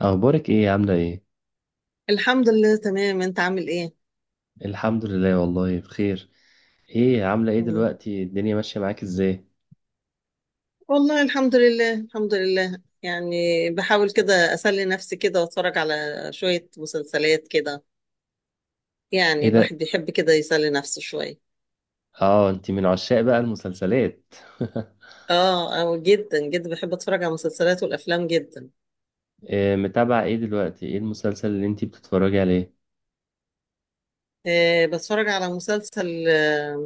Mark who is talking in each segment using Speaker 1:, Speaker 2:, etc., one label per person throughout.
Speaker 1: اخبارك ايه؟ عامله ايه؟
Speaker 2: الحمد لله تمام، انت عامل ايه؟
Speaker 1: الحمد لله، والله بخير. ايه، عامله ايه
Speaker 2: مم.
Speaker 1: دلوقتي؟ الدنيا ماشيه معاك ازاي؟
Speaker 2: والله الحمد لله الحمد لله يعني. بحاول كده اسلي نفسي كده واتفرج على شوية مسلسلات كده.
Speaker 1: ايه
Speaker 2: يعني
Speaker 1: ده؟
Speaker 2: الواحد بيحب كده يسلي نفسه شوية.
Speaker 1: اه، انت من عشاق بقى المسلسلات؟
Speaker 2: اه اه، جدا جدا بحب اتفرج على المسلسلات والافلام جدا.
Speaker 1: إيه، متابعه ايه دلوقتي؟ ايه المسلسل اللي انت بتتفرجي عليه؟
Speaker 2: بتفرج على مسلسل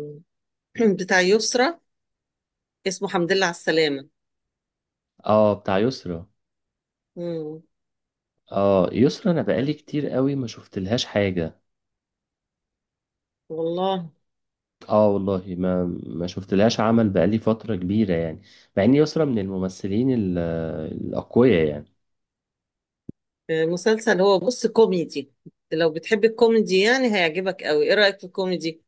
Speaker 2: بتاع يسرا، اسمه حمد لله على السلامة.
Speaker 1: اه، بتاع يسرا.
Speaker 2: مم.
Speaker 1: اه، يسرا، انا بقالي كتير قوي ما شفتلهاش حاجه.
Speaker 2: والله.
Speaker 1: اه والله، ما شفتلهاش عمل بقالي فتره كبيره يعني. مع ان يسرا من الممثلين الاقوياء يعني.
Speaker 2: مسلسل هو بص كوميدي. لو بتحب الكوميدي يعني هيعجبك قوي. ايه رأيك في الكوميدي؟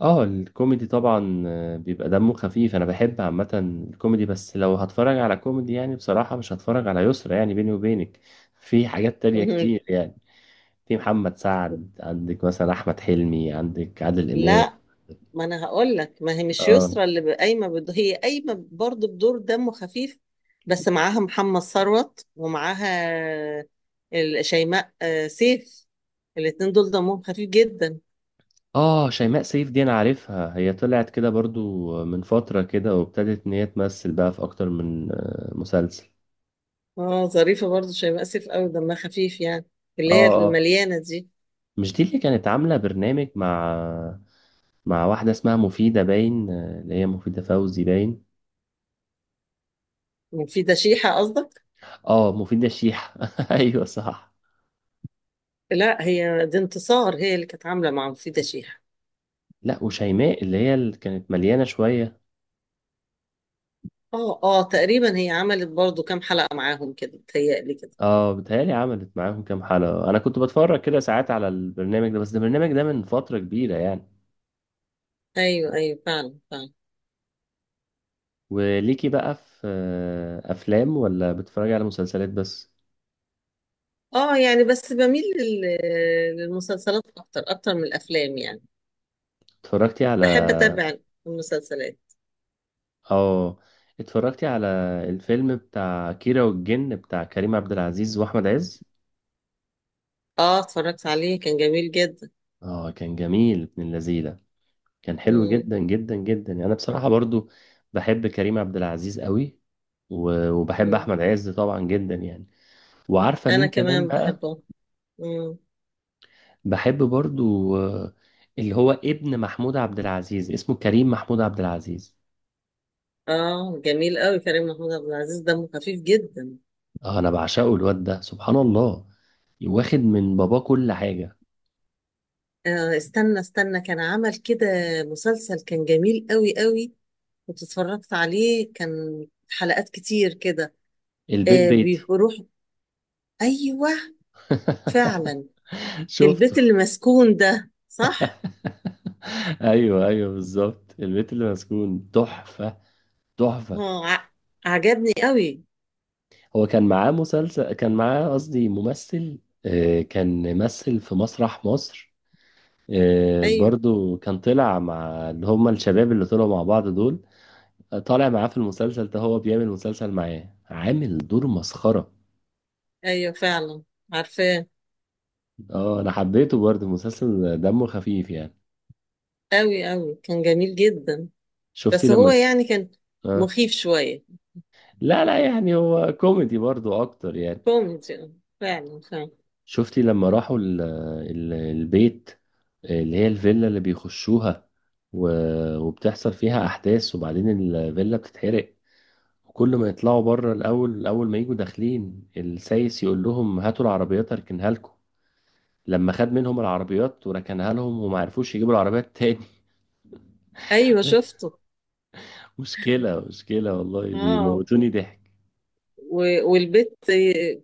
Speaker 1: اه، الكوميدي طبعا، بيبقى دمه خفيف. انا بحب عامه الكوميدي، بس لو هتفرج على كوميدي يعني بصراحه مش هتفرج على يسرا يعني، بيني وبينك، في حاجات تانية كتير يعني. في محمد سعد عندك مثلا، احمد حلمي عندك، عادل امام.
Speaker 2: لا، ما انا هقول لك، ما هي مش
Speaker 1: اه
Speaker 2: يسرى اللي ب- قايمه بد... هي قايمه برضه بدور دمه خفيف. بس معاها محمد ثروت، ومعاها شيماء سيف. الاتنين دول دمهم خفيف جدا.
Speaker 1: اه، شيماء سيف دي انا عارفها، هي طلعت كده برضو من فتره كده وابتدت ان هي تمثل بقى في اكتر من مسلسل.
Speaker 2: اه، ظريفه برضه شيماء سيف، قوي دمها خفيف يعني،
Speaker 1: اه
Speaker 2: اللي هي
Speaker 1: اه،
Speaker 2: المليانه دي.
Speaker 1: مش دي اللي كانت عامله برنامج مع واحده اسمها مفيده باين، اللي هي مفيده فوزي باين؟
Speaker 2: مفيده شيحه قصدك؟
Speaker 1: اه، مفيدة الشيحة. ايوه، صح.
Speaker 2: لا، هي دي انتصار، هي اللي كانت عامله مع مفيده شيحه.
Speaker 1: لا، وشيماء اللي كانت مليانة شوية.
Speaker 2: اه اه، تقريبا هي عملت برضه كام حلقه معاهم كده، بتهيألي كده.
Speaker 1: اه، بتهيألي عملت معاهم كام حلقة. انا كنت بتفرج كده ساعات على البرنامج ده، بس ده البرنامج ده من فترة كبيرة يعني.
Speaker 2: ايوه ايوه، فعلا فعلا.
Speaker 1: وليكي بقى في افلام ولا بتتفرجي على مسلسلات بس؟
Speaker 2: اه، يعني بس بميل للمسلسلات اكتر اكتر من الافلام يعني.
Speaker 1: اتفرجتي على
Speaker 2: بحب اتابع المسلسلات.
Speaker 1: اه، اتفرجتي على الفيلم بتاع كيرة والجن، بتاع كريم عبد العزيز واحمد عز؟
Speaker 2: اه، اتفرجت عليه كان جميل جدا.
Speaker 1: اه، كان جميل ابن اللذيذة. كان حلو
Speaker 2: مم.
Speaker 1: جدا جدا جدا يعني، انا بصراحه برضو بحب كريم عبد العزيز قوي، وبحب
Speaker 2: مم.
Speaker 1: احمد عز طبعا جدا يعني. وعارفه
Speaker 2: انا
Speaker 1: مين كمان
Speaker 2: كمان
Speaker 1: بقى؟
Speaker 2: بحبه. مم.
Speaker 1: بحب برضو اللي هو ابن محمود عبد العزيز، اسمه كريم محمود عبد العزيز.
Speaker 2: اه، جميل قوي كريم محمود عبد العزيز، دمه خفيف جدا.
Speaker 1: آه، انا بعشقه الواد ده سبحان الله، واخد من باباه كل حاجه.
Speaker 2: استنى استنى، كان عمل كده مسلسل كان جميل قوي قوي. كنت اتفرجت عليه، كان حلقات كتير كده.
Speaker 1: البيت بيتي.
Speaker 2: بيروح. ايوه فعلا.
Speaker 1: شفته؟
Speaker 2: البيت اللي مسكون ده، صح؟
Speaker 1: ايوه ايوه، بالظبط، البيت اللي مسكون، تحفه، تحفه.
Speaker 2: اه، عجبني قوي.
Speaker 1: هو كان معاه مسلسل، كان معاه قصدي ممثل، كان مثل في مسرح مصر،
Speaker 2: ايوه
Speaker 1: برضو كان طلع مع اللي هم الشباب اللي طلعوا مع بعض دول، طالع معاه في المسلسل ده، هو بيعمل مسلسل معاه، عامل دور مسخرة.
Speaker 2: ايوه فعلا. عارفاه.
Speaker 1: اه، انا حبيته برضو المسلسل، دمه خفيف يعني.
Speaker 2: قوي قوي، كان جميل جدا.
Speaker 1: شفتي
Speaker 2: بس
Speaker 1: لما
Speaker 2: هو
Speaker 1: ك-
Speaker 2: يعني كان
Speaker 1: آه.
Speaker 2: مخيف شوية.
Speaker 1: لا لا، يعني هو كوميدي برضو اكتر يعني.
Speaker 2: كوميدي، آه. فعلا فعلا.
Speaker 1: شفتي لما راحوا البيت اللي هي الفيلا اللي بيخشوها، و... وبتحصل فيها أحداث، وبعدين الفيلا بتتحرق. وكل ما يطلعوا بره الأول، أول ما يجوا داخلين السايس يقول لهم هاتوا العربيات أركنها لكم، لما خد منهم العربيات وركنها لهم وما عرفوش يجيبوا العربيات تاني.
Speaker 2: ايوه شفته.
Speaker 1: مشكلة مشكلة والله،
Speaker 2: اه،
Speaker 1: بيموتوني ضحك.
Speaker 2: والبيت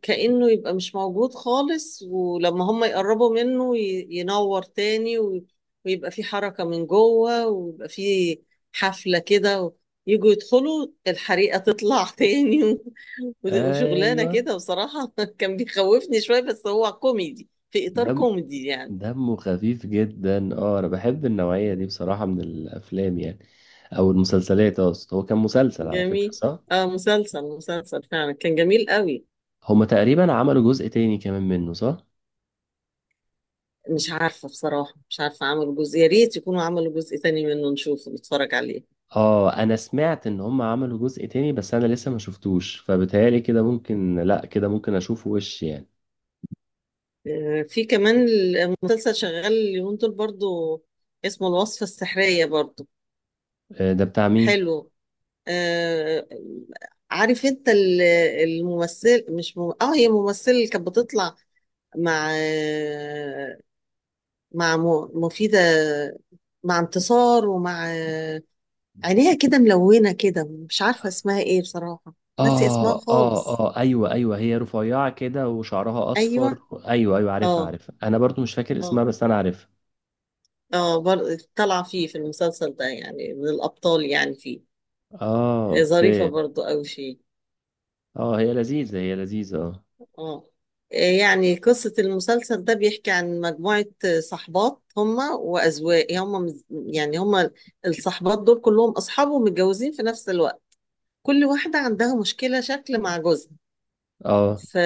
Speaker 2: كأنه يبقى مش موجود خالص، ولما هم يقربوا منه ينور تاني، ويبقى في حركة من جوه، ويبقى في حفلة كده، يجوا يدخلوا، الحريقة تطلع تاني، وشغلانة
Speaker 1: أيوة.
Speaker 2: كده بصراحة. كان بيخوفني شوية، بس هو كوميدي في إطار
Speaker 1: دم
Speaker 2: كوميدي يعني.
Speaker 1: دمه خفيف جدا. اه، أنا بحب النوعية دي
Speaker 2: مم.
Speaker 1: بصراحة من الأفلام يعني، أو المسلسلات. أصلا هو كان مسلسل على فكرة،
Speaker 2: جميل.
Speaker 1: صح؟
Speaker 2: اه، مسلسل مسلسل فعلا كان جميل قوي.
Speaker 1: هما تقريبا عملوا جزء تاني كمان منه، صح؟
Speaker 2: مش عارفة بصراحة، مش عارفة عملوا جزء، يا ريت يكونوا عملوا جزء تاني منه نشوفه نتفرج عليه.
Speaker 1: اه، انا سمعت ان هما عملوا جزء تاني بس انا لسه ما شفتوش، فبتهيألي كده ممكن، لا، كده ممكن اشوفه وش يعني.
Speaker 2: في كمان المسلسل شغال اليومين دول برضو، اسمه الوصفة السحرية برضو.
Speaker 1: ده بتاع مين؟
Speaker 2: حلو. آه، عارف انت الممثل؟ مش مم... اه، هي ممثلة اللي كانت بتطلع مع مع مفيدة، مع انتصار، ومع عينيها كده ملونة كده. مش عارفة اسمها ايه بصراحة. ناسي اسمها
Speaker 1: اه اه
Speaker 2: خالص.
Speaker 1: اه ايوه ايوه، هي رفيعة كده وشعرها
Speaker 2: ايوه.
Speaker 1: اصفر. ايوه ايوه، عارفها
Speaker 2: اه
Speaker 1: عارفها، انا برضو مش فاكر اسمها
Speaker 2: اه
Speaker 1: بس انا عارفها.
Speaker 2: اه، برضه طالعة فيه في المسلسل ده يعني، من الأبطال يعني فيه.
Speaker 1: اه،
Speaker 2: ظريفة
Speaker 1: اوكي.
Speaker 2: برضه أوي فيه.
Speaker 1: اه، هي لذيذة هي لذيذة، اه.
Speaker 2: اه. يعني قصة المسلسل ده بيحكي عن مجموعة صحبات هما وأزواج هما يعني هما الصحبات دول كلهم أصحاب ومتجوزين في نفس الوقت. كل واحدة عندها مشكلة شكل مع جوزها.
Speaker 1: اه
Speaker 2: ف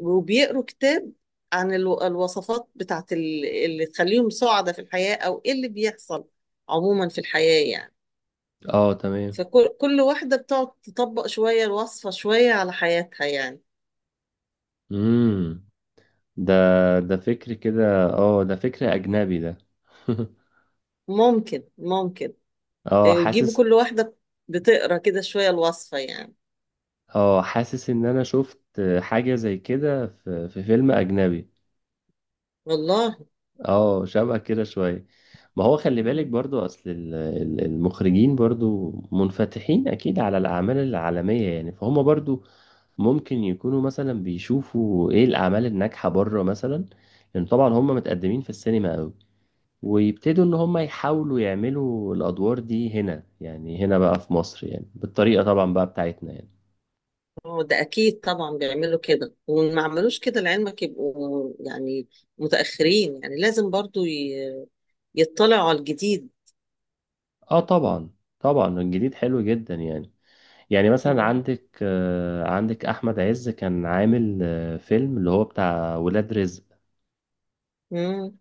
Speaker 2: وبيقروا كتاب عن الوصفات بتاعت اللي تخليهم سعداء في الحياة، أو إيه اللي بيحصل عموما في الحياة يعني.
Speaker 1: اه، تمام.
Speaker 2: فكل واحدة بتقعد تطبق شوية الوصفة، شوية على حياتها يعني.
Speaker 1: امم ده ده فكر كده، اه، ده فكر اجنبي ده.
Speaker 2: ممكن ممكن،
Speaker 1: اه،
Speaker 2: يجيبوا
Speaker 1: حاسس.
Speaker 2: كل واحدة بتقرا كده شوية الوصفة يعني.
Speaker 1: اه، حاسس ان انا شفت حاجة زي كده في فيلم اجنبي.
Speaker 2: والله.
Speaker 1: اه، شبه كده شوية. ما هو خلي بالك
Speaker 2: مم.
Speaker 1: برضو، اصل المخرجين برضو منفتحين اكيد على الاعمال العالمية يعني، فهم برضو ممكن يكونوا مثلا بيشوفوا ايه الاعمال الناجحة بره مثلا، لان طبعا هم متقدمين في السينما قوي، ويبتدوا ان هم يحاولوا يعملوا الادوار دي هنا يعني، هنا بقى في مصر يعني، بالطريقة طبعا بقى بتاعتنا يعني.
Speaker 2: هو ده أكيد طبعا بيعملوا كده، وما عملوش كده لعلمك يبقوا يعني متأخرين، يعني لازم برضو يطلعوا على الجديد.
Speaker 1: اه طبعا، طبعا الجديد حلو جدا يعني. يعني مثلا
Speaker 2: مم.
Speaker 1: عندك احمد عز كان عامل فيلم اللي هو بتاع ولاد رزق.
Speaker 2: مم.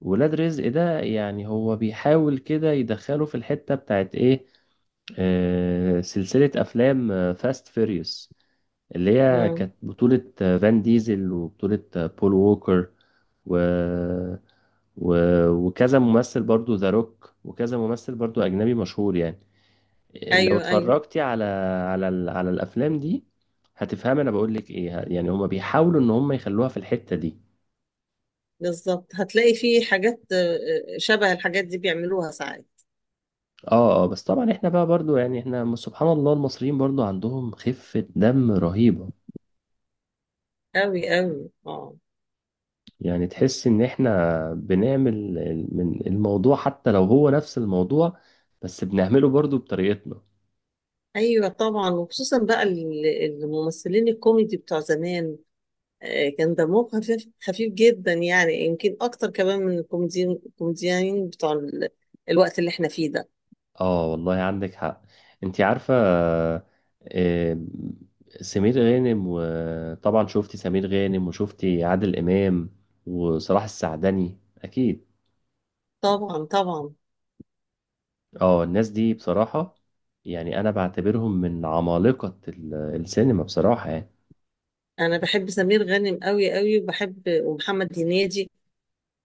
Speaker 1: ولاد رزق ده يعني هو بيحاول كده يدخله في الحتة بتاعت ايه، سلسلة افلام فاست فيريوس، اللي هي
Speaker 2: مم.
Speaker 1: كانت بطولة فان ديزل وبطولة بول ووكر، و... و... وكذا ممثل برضو، ذا روك، وكذا ممثل برضو اجنبي مشهور يعني. لو
Speaker 2: أيوه أيوه،
Speaker 1: اتفرجتي على على على الافلام دي، هتفهمي انا بقول لك ايه يعني. هما بيحاولوا ان هما يخلوها في الحتة دي.
Speaker 2: بالظبط هتلاقي في حاجات شبه الحاجات دي بيعملوها ساعات.
Speaker 1: اه اه، بس طبعا احنا بقى برضو يعني، احنا سبحان الله المصريين برضو عندهم خفة دم رهيبة.
Speaker 2: أوي أوي، اه.
Speaker 1: يعني تحس ان احنا بنعمل من الموضوع، حتى لو هو نفس الموضوع بس بنعمله برضو بطريقتنا.
Speaker 2: ايوه طبعا، وخصوصا بقى الممثلين الكوميدي بتوع زمان، كان دمهم خفيف خفيف جدا يعني، يمكن اكتر كمان من الكوميديين الكوميديين بتوع الوقت اللي احنا فيه ده.
Speaker 1: اه والله عندك حق. انت عارفة، آه، سمير غانم، وطبعا شفتي سمير غانم وشفتي عادل إمام وصلاح السعدني أكيد.
Speaker 2: طبعا طبعا.
Speaker 1: اه، الناس دي بصراحة يعني، أنا بعتبرهم من عمالقة السينما بصراحة يعني.
Speaker 2: انا بحب سمير غانم قوي قوي، وبحب ومحمد هنيدي،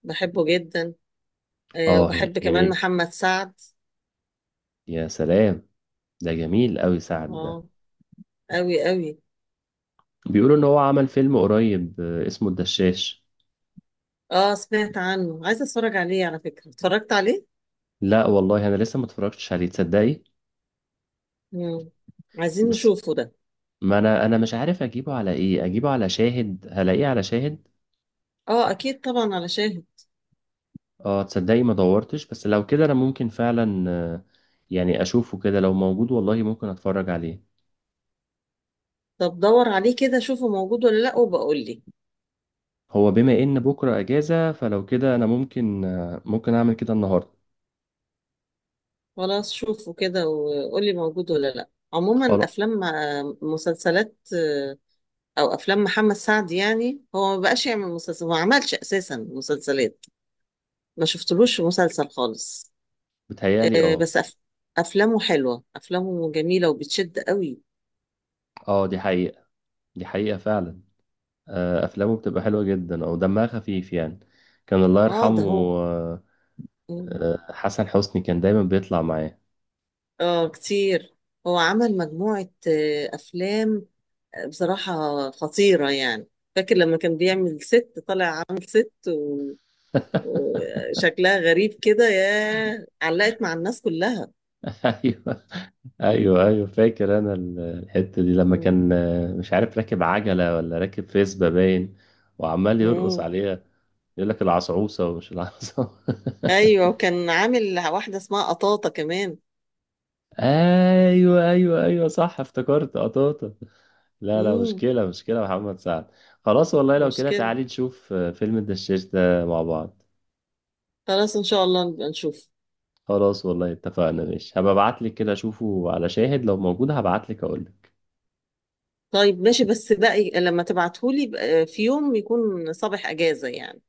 Speaker 2: بحبه جدا.
Speaker 1: اه،
Speaker 2: وبحب كمان
Speaker 1: هنيدي،
Speaker 2: محمد سعد.
Speaker 1: يا سلام، ده جميل أوي. سعد ده
Speaker 2: اه. قوي قوي.
Speaker 1: بيقولوا إن هو عمل فيلم قريب، اسمه الدشاش.
Speaker 2: اه، سمعت عنه، عايزه اتفرج عليه، على فكره اتفرجت عليه.
Speaker 1: لا والله، أنا لسه ما اتفرجتش عليه، تصدقي.
Speaker 2: مم. عايزين
Speaker 1: بس
Speaker 2: نشوفه ده.
Speaker 1: ما انا مش عارف اجيبه على ايه، اجيبه على شاهد هلاقيه على شاهد؟
Speaker 2: اه اكيد طبعا على شاهد.
Speaker 1: اه، تصدقي ما دورتش، بس لو كده انا ممكن فعلا، يعني اشوفه كده لو موجود والله، ممكن اتفرج عليه.
Speaker 2: طب دور عليه كده، شوفه موجود ولا لا، وبقول لي.
Speaker 1: هو بما ان بكره اجازة، فلو كده انا ممكن اعمل كده النهارده.
Speaker 2: خلاص، شوفه كده وقول لي موجود ولا لا. عموما
Speaker 1: خلاص.
Speaker 2: افلام، مسلسلات، او افلام محمد سعد، يعني هو ما بقاش يعمل مسلسل، ما عملش اساسا مسلسلات، ما شفتلوش في مسلسل خالص.
Speaker 1: بتهيالي، اه.
Speaker 2: بس افلامه حلوه، افلامه جميله وبتشد قوي.
Speaker 1: اه، دي حقيقة، دي حقيقة فعلا. افلامه بتبقى حلوة جدا او دمها خفيف يعني. كان الله
Speaker 2: اه، ده
Speaker 1: يرحمه.
Speaker 2: هو.
Speaker 1: آه، حسن حسني كان دايما بيطلع معاه.
Speaker 2: اه كتير، هو عمل مجموعه افلام بصراحة خطيرة يعني. فاكر لما كان بيعمل ست، طالع عامل ست وشكلها غريب كده، يا علقت مع الناس كلها.
Speaker 1: ايوه ايوه ايوه، فاكر انا الحته دي لما
Speaker 2: مم.
Speaker 1: كان، مش عارف، راكب عجله ولا راكب فيسبا باين، وعمال يرقص
Speaker 2: مم.
Speaker 1: عليها، يقول لك العصعوصه ومش العصعوصه.
Speaker 2: ايوه، وكان عامل واحدة اسمها قطاطة كمان.
Speaker 1: ايوه ايوه ايوه، صح، افتكرت قطاطه. لا لا،
Speaker 2: مم.
Speaker 1: مشكله مشكله يا محمد سعد. خلاص والله، لو كده
Speaker 2: مشكلة.
Speaker 1: تعالي نشوف، فيلم الدشاش ده مع بعض.
Speaker 2: خلاص ان شاء الله نبقى نشوف.
Speaker 1: خلاص والله، اتفقنا، ماشي، هبقى ابعت لك كده، اشوفه على شاهد لو موجود هبعت لك اقول لك.
Speaker 2: طيب ماشي، بس بقى لما تبعتهولي بقى في يوم يكون صباح اجازة يعني.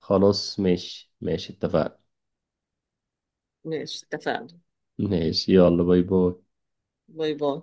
Speaker 1: خلاص ماشي ماشي، اتفقنا.
Speaker 2: ماشي اتفقنا.
Speaker 1: ماشي، يلا، باي باي.
Speaker 2: باي باي.